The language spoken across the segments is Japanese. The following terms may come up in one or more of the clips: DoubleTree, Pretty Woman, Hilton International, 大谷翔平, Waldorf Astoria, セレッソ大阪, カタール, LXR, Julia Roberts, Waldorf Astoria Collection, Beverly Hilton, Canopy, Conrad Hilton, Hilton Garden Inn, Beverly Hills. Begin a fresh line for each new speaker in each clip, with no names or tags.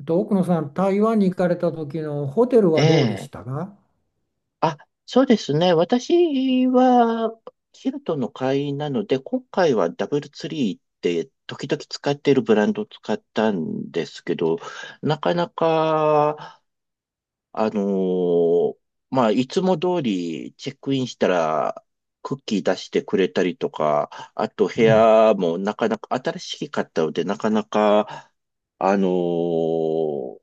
奥野さん、台湾に行かれた時のホテル
え
はどうで
え。
したか？
あ、そうですね。私は、ヒルトンの会員なので、今回はダブルツリーって時々使っているブランドを使ったんですけど、なかなか、あのーまあ、いつも通りチェックインしたら、クッキー出してくれたりとか、あと部
うん。
屋もなかなか新しかったので、なかなか、あのー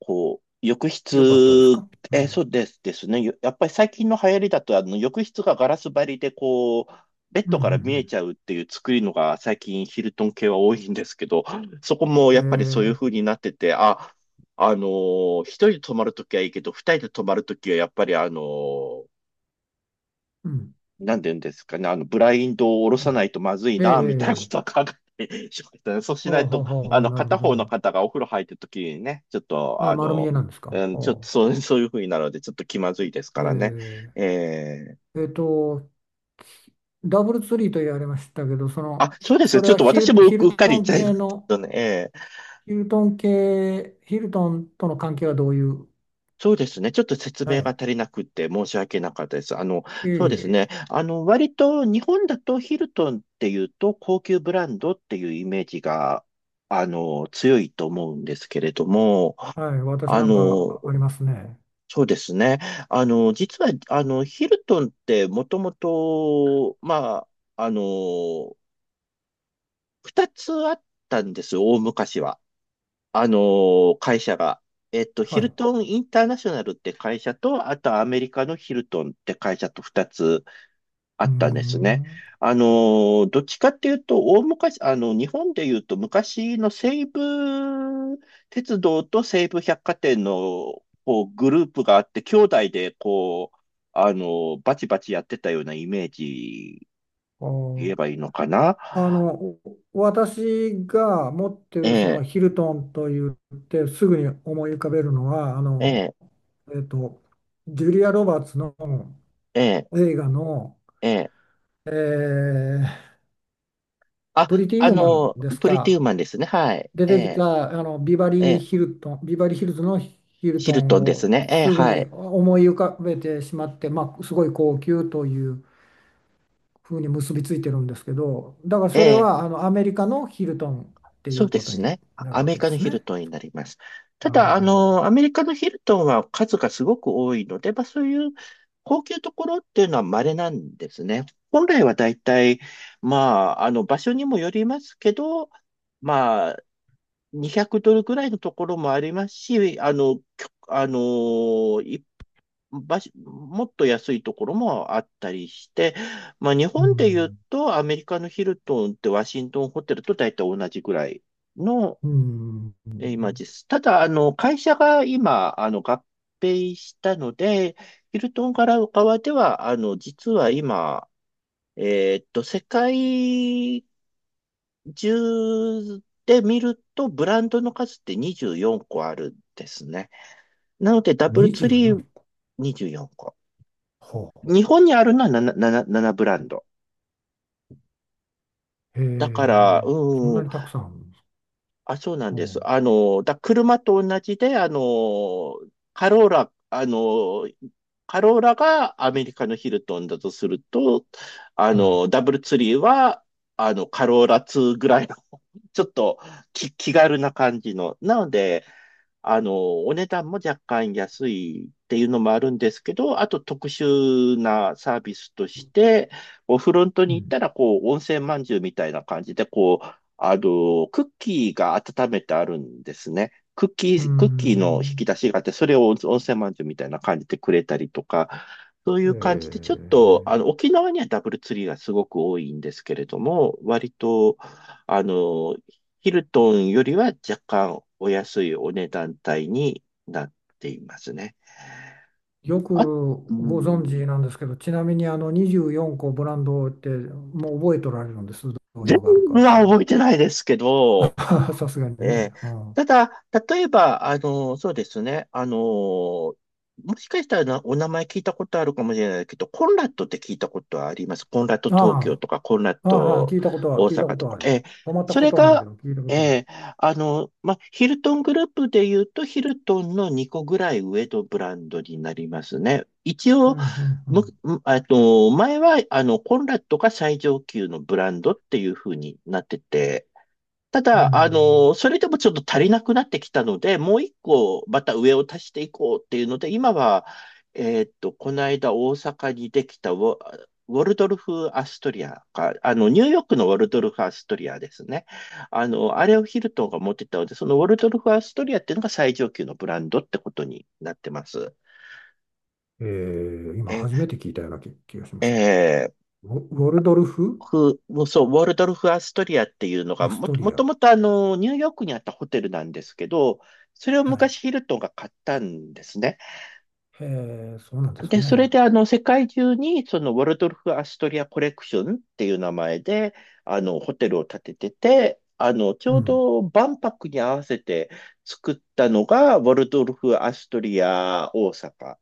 こう、浴
よかったです
室、
か？う
そ
ん。
うですですね。やっぱり最近の流行りだと、あの、浴室がガラス張りで、こう、ベッ
う
ドから見え
ん、
ちゃうっていう作りのが最近ヒルトン系は多いんですけど、そこも
う
やっぱりそ
ん、
う
う
い
ん。
う風になってて、あ、一人で泊まるときはいいけど、二人で泊まるときはやっぱり
うん。
なんて言うんですかね、あの、ブラインドを下ろ
う
さな
ん、
いとまずい
ええ
な、みたいなこ
ええ、
とを考えてしまったね。そうし
は
な
あ、
い
はあ、
と、あ
はあ、
の、
なる
片
ほど
方の
ね。
方がお風呂入ってるときにね、ちょっと、
あ、
あ
丸見
の、
えなんですか？
うん、ちょっと
は
そういうふうになるので、ちょっと気まずいです
あ、
からね。えー
ええっと、ダブルツリーと言われましたけど、そ
あ、
の、
そうです。
それ
ちょっ
は
と私もう
ヒ
う
ル
っか
ト
り言っ
ン
ちゃい
系
まし
の、
たね。
ヒルトン系、ヒルトンとの関係はどういう、
そうですね。ちょっと説
は
明が
い。
足りなくて申し訳なかったです。あの、
いえ
そう
い
です
え、
ね。あの、割と日本だとヒルトンっていうと高級ブランドっていうイメージが、あの、強いと思うんですけれども、
はい、私
あ
なんか
の、
あありますね。
そうですね。あの、実は、あの、ヒルトンってもともと、まあ、あの、二つあったんですよ、大昔は。会社が。えっと、ヒ
はい。
ル
う
トンインターナショナルって会社と、あとアメリカのヒルトンって会社と2つあ
ー
ったんですね。
ん。
あのどっちかっていうと、大昔、あの、日本で言うと昔の西武鉄道と西武百貨店のこうグループがあって、兄弟でこう、あのバチバチやってたようなイメージ
あ
言え
ー
ばいいのかな。
あの、私が持って
え
るその
え、
ヒルトンと言ってすぐに思い浮かべるのは、
ええ、
えっと、ジュリア・ロバーツの
ええ、
映画の、
ええ。
えープ
あ、
リティ・
あ
ウーマン
の、
です
プリティウー
か？
マンですね。はい。
出
え
てき
え、
たあのビバ
え
リー・
え、
ヒルトン、ビバリー・ヒルズのヒル
ヒ
ト
ル
ン
トンです
を
ね。ええ、
すぐ
は
に
い。
思い浮かべてしまって、まあ、すごい高級というふうに結びついてるんですけど、だから
え
それ
え、
はあのアメリカのヒルトンってい
そ
う
うで
こと
す
に
ね。
なる
ア
わ
メリ
けで
カの
す
ヒル
ね。
トンになります。た
なる
だ、あ
ほど。
の、アメリカのヒルトンは数がすごく多いので、まあそういう高級ところっていうのは稀なんですね。本来は大体、まあ、あの、場所にもよりますけど、まあ、200ドルぐらいのところもありますし、あの、きょあのー、い場所もっと安いところもあったりして、まあ日
う
本で言う
ん。
とアメリカのヒルトンってワシントンホテルと大体同じぐらいの
うん。
イメージです。ただ、あの、会社が今、あの、合併したので、ヒルトン側では、あの、実は今、世界10で見ると、ブランドの数って24個あるんですね。なので、ダブルツ
24
リー
個。
24個。
ほ
日本にあるのは 7, 7, 7ブランド。
う。へ
だから、
え、そん
う
な
ん、
にたくさんあるんですか？
あ、そうなん
ほ
です。あの、車と同じで、あの、カローラ、あの、カローラがアメリカのヒルトンだとすると、あ
う。は
の、
い。
ダブルツリーは、あの、カローラ2ぐらいの、ちょっと気軽な感じの。なので、あの、お値段も若干安いっていうのもあるんですけど、あと特殊なサービスとして、フロント
う
に行っ
ん。
たら、こう、温泉まんじゅうみたいな感じで、こう、あの、クッキーが温めてあるんですね。
うー
クッキーの引
ん。
き出しがあって、それを温泉まんじゅうみたいな感じでくれたりとか、そうい
え
う感じで、ちょっと、あ
ー
の、沖縄にはダブルツリーがすごく多いんですけれども、割と、あの、ヒルトンよりは若干お安いお値段帯になっていますね。
よく
あ、う
ご存
ん。
知なんですけど、ちなみにあの24個ブランドってもう覚えとられるんです、どういう
全
のがあるか
部
っ
は
ていうの？
覚えてないですけど、
さすがに
えー
ね。うん、あ
ただ、例えば、あの、そうですね、あの、もしかしたらお名前聞いたことあるかもしれないけど、コンラッドって聞いたことはあります。コンラッド東京
あ、
とか、コンラッ
ああ、はい、
ド大
聞いたこ
阪
と
と
はあ
か。
る。泊まった
そ
こ
れ
とはないけ
が、
ど、聞いたことある。
えーあの、ま、ヒルトングループで言うと、ヒルトンの2個ぐらい上のブランドになりますね。一
う
応、
ん、うん、う
む、
ん。
むえっと、前は、あの、コンラッドが最上級のブランドっていう風になってて、ただ、あ
う
の、それでもちょっと足りなくなってきたので、もう一個、また上を足していこうっていうので、今は、この間大阪にできたウォルドルフ・アストリアか、あの、ニューヨークのウォルドルフ・アストリアですね。あの、あれをヒルトンが持ってたので、そのウォルドルフ・アストリアっていうのが最上級のブランドってことになってます。
ん、今初
え、
めて聞いたような気がしますけど。
え
ウォルドルフ・
フ、そう、ウォルドルフ・アストリアっていうのが
アスト
も
リア。
ともとあの、ニューヨークにあったホテルなんですけど、それを
はい。
昔ヒルトンが買ったんですね。
へえ、そうなんです
で、
ね。
それであの、世界中にそのウォルドルフ・アストリアコレクションっていう名前で、あの、ホテルを建ててて、あの、ち
う
ょう
ん。
ど万博に合わせて作ったのが、ウォルドルフ・アストリア大阪っ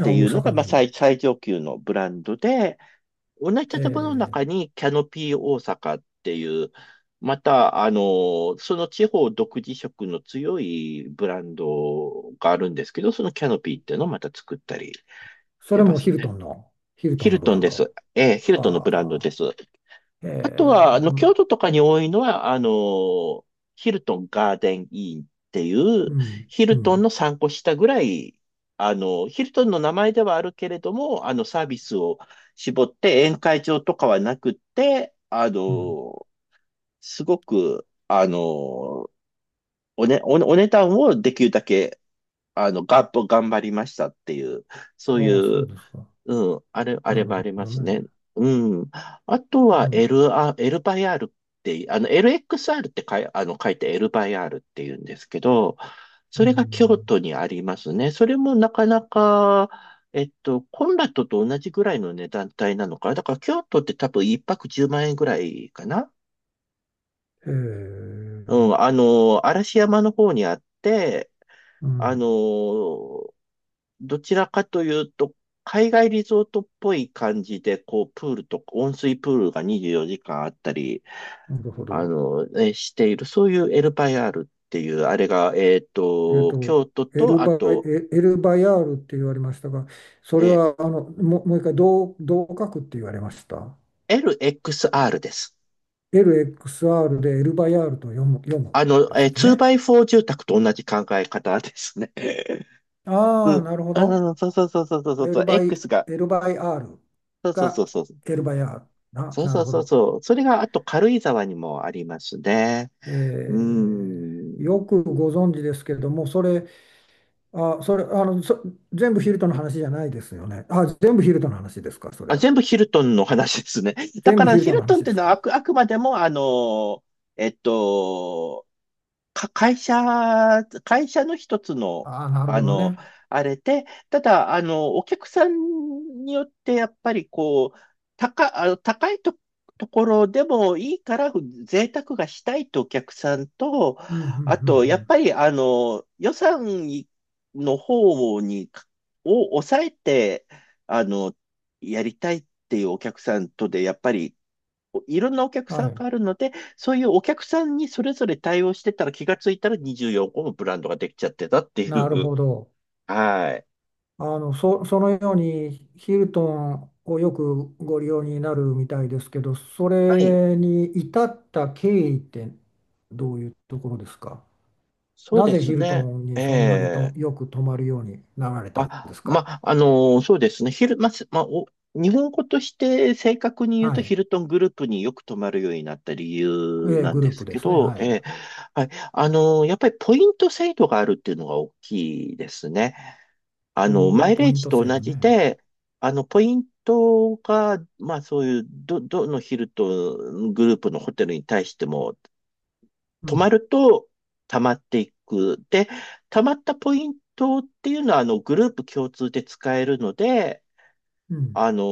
あ、
てい
大
うの
阪
が、まあ、
に。
最上級のブランドで、同じ
へ
建物の
え、
中にキャノピー大阪っていう、また、あの、その地方独自色の強いブランドがあるんですけど、そのキャノピーっていうのをまた作ったりし
そ
て
れ
ま
も
すね。
ヒルト
ヒ
ンの
ル
ブ
ト
ラ
ン
ン
です。
ド。
ええ、ヒルトンのブランド
は
です。
あ。へえ、
あとは、あの、
う
京
ん、
都とかに多いのは、あの、ヒルトンガーデンインっていう、ヒ
う
ルトン
ん、
の3個下ぐらい、あの、ヒルトンの名前ではあるけれども、あの、サービスを絞って宴会場とかはなくって、あ
うん。
の、すごく、あの、おね、お、お値段をできるだけ、あの、がっと頑張りましたっていう、そうい
ああ、そう
う
ですか。
うん、あれ
なる
ばあ
ほ
りま
ど
すね。
ね。
うん。あと
う
は
ん、
L バイ R って、あの、LXR ってあの、書いて L バイ R って言うんですけど、
う
それが京
ん。
都にありますね。それもなかなか、コンラットと同じぐらいの値段帯なのかな。だから京都って多分一泊10万円ぐらいかな。
へえ、
う
う
ん、あの、嵐山の方にあって、あ
ん。
の、どちらかというと、海外リゾートっぽい感じで、こう、プールとか、温水プールが24時間あったり、
なるほ
あ
ど。
の、ね、している、そういうエルバイアールっていう、あれが、
えっと、
京都
エル
と、あ
バ、
と、
エルバヤールって言われましたが、それ
え
はもう一回どう書くって言われました？
LXR です。
LXR でエルバヤールと読む
あの、
です
2
ね。
ォ4住宅と同じ考え方ですね。
あ
う
あ、
ん
なるほど。
あそうん、そうそうそうそうそう
エ
そ
ル
う、
バイ、
X が、
エルバイアール
そうそうそう
が
そう、
エルバヤール。
そう
な
そ
る
う
ほ
そう
ど。
そう、それがあと軽井沢にもありますね。うー
えーよ
ん。
くご存知ですけれども、それ、あ、それ、あの、そ全部ヒルトの話じゃないですよね？あ、全部ヒルトの話ですか、それ
あ、
は？
全部ヒルトンの話ですね。だ
全
か
部
ら
ヒル
ヒ
トの
ルトンっ
話
て
で
いう
す
のは
か？
あくまでも、えっと、か、会社、会社の一つの、
ああ、なる
あ
ほど
の、
ね。
あれで。ただ、あの、お客さんによって、やっぱりこう、高、あの、高いと、ところでもいいから贅沢がしたいとお客さんと、
うん、うん、う
あと、やっ
ん、
ぱり、あの、予算の方に、を抑えて、あの、やりたいっていうお客さんとで、やっぱりいろんなお客
うん。
さ
は
んがあ
い。
るので、そういうお客さんにそれぞれ対応してたら気がついたら24個もブランドができちゃってたってい
なる
う。
ほど。
はい。
そのようにヒルトンをよくご利用になるみたいですけど、そ
はい。
れに至った経緯ってどういうところですか？
そう
な
で
ぜヒ
す
ルト
ね。
ンに
え
そんなにと
え。
よく泊まるようになられたん
あ、
ですか？
ま、あのーそうですね。ヒル、ま、すま、お、日本語として正確に言う
は
と
い。
ヒルトングループによく泊まるようになった理由
ええ、
なん
グル
で
ープ
す
で
け
すね。
ど、
は
え
い。
え。はい。やっぱりポイント制度があるっていうのが大きいですね。あの、
お
マ
ー、
イレ
ポ
ー
イン
ジ
ト
と
制
同
度
じ
ね。
で、あの、ポイントが、まあそういう、どのヒルとグループのホテルに対しても、
う
泊ま
ん、
ると溜まっていく。で、溜まったポイントっていうのは、あの、グループ共通で使えるので、
うん。
あの、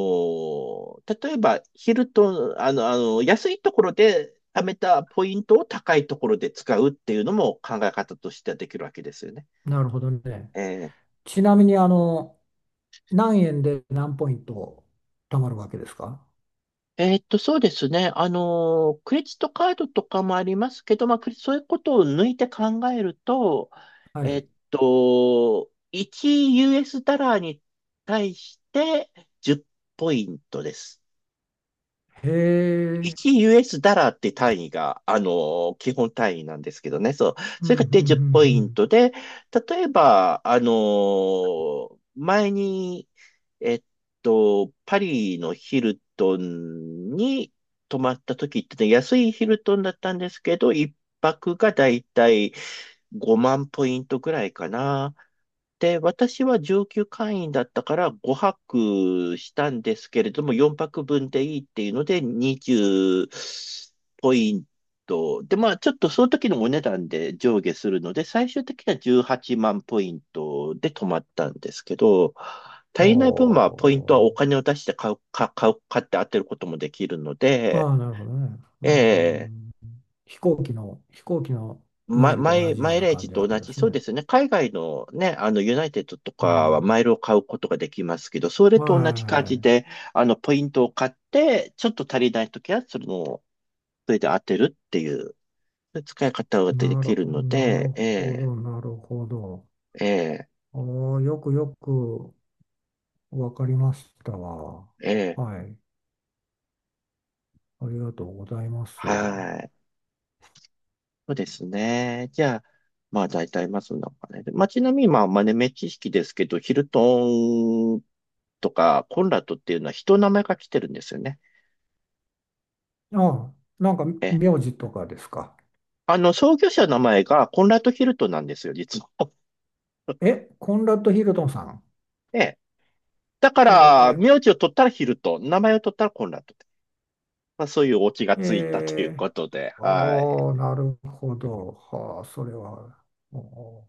例えば、ヒルと、あの、あの、安いところで貯めたポイントを高いところで使うっていうのも考え方としてはできるわけですよね。
なるほどね。
え
ちなみに、何円で何ポイント貯まるわけですか？
そうですね。クレジットカードとかもありますけど、まあ、そういうことを抜いて考えると、
はい。
1US ダラーに対して10ポイントです。
へえ、
1US ダラーって単位が、あの、基本単位なんですけどね。そう。
うん、
そ
う
れ
ん、う
がで10ポイ
ん、う
ン
ん。
トで、例えば、あの、前に、えっパリのヒルトンに泊まった時ってね、安いヒルトンだったんですけど、一泊がだいたい5万ポイントぐらいかな。で、私は上級会員だったから5泊したんですけれども、4泊分でいいっていうので20ポイント。で、まあちょっとその時のお値段で上下するので、最終的には18万ポイントで止まったんですけど、
お
足りない分はポイントは
ー、
お金を出して買う、か、買う、買って当てることもできるの
あ
で、
あ、なるほどね。う
ええ。
ん。飛行機のマイルと同じよ
マ
う
イ
な
レー
感
ジ
じ
と
なん
同
で
じ、
す
そう
ね。
ですね。海外のね、あの、ユナイテッドと
う
かはマ
ん。
イルを買うことができますけど、それ
はい
と同じ感じ
は
で、あの、ポイントを買って、ちょっと足りないときは、それで当てるっていう、そういう使い方が
い。
できるの
な
で、
る
え
ほ
え、
ど、なるほど。
ええ、
おー、よくよくわかりましたわ。
ええ、
はい。ありがとうございます。
はい。そうですね。じゃあ、まあ、大体、まあ、そんなお金で。まあ、ちなみに、まあ、豆目知識ですけど、ヒルトンとか、コンラッドっていうのは人の名前が来てるんですよね。
ああ、なんか
ええ。
名字とかですか？
あの、創業者の名前がコンラッド・ヒルトンなんですよ、実は。
え、コンラッド・ヒルトンさん。
ね。だから、
え
名字を取ったらヒルトン、名前を取ったらコンラッドって。まあ、そういうオチが
ー、
ついたという
え
ことで、はい。
ああ、なるほど。はあ、それは。お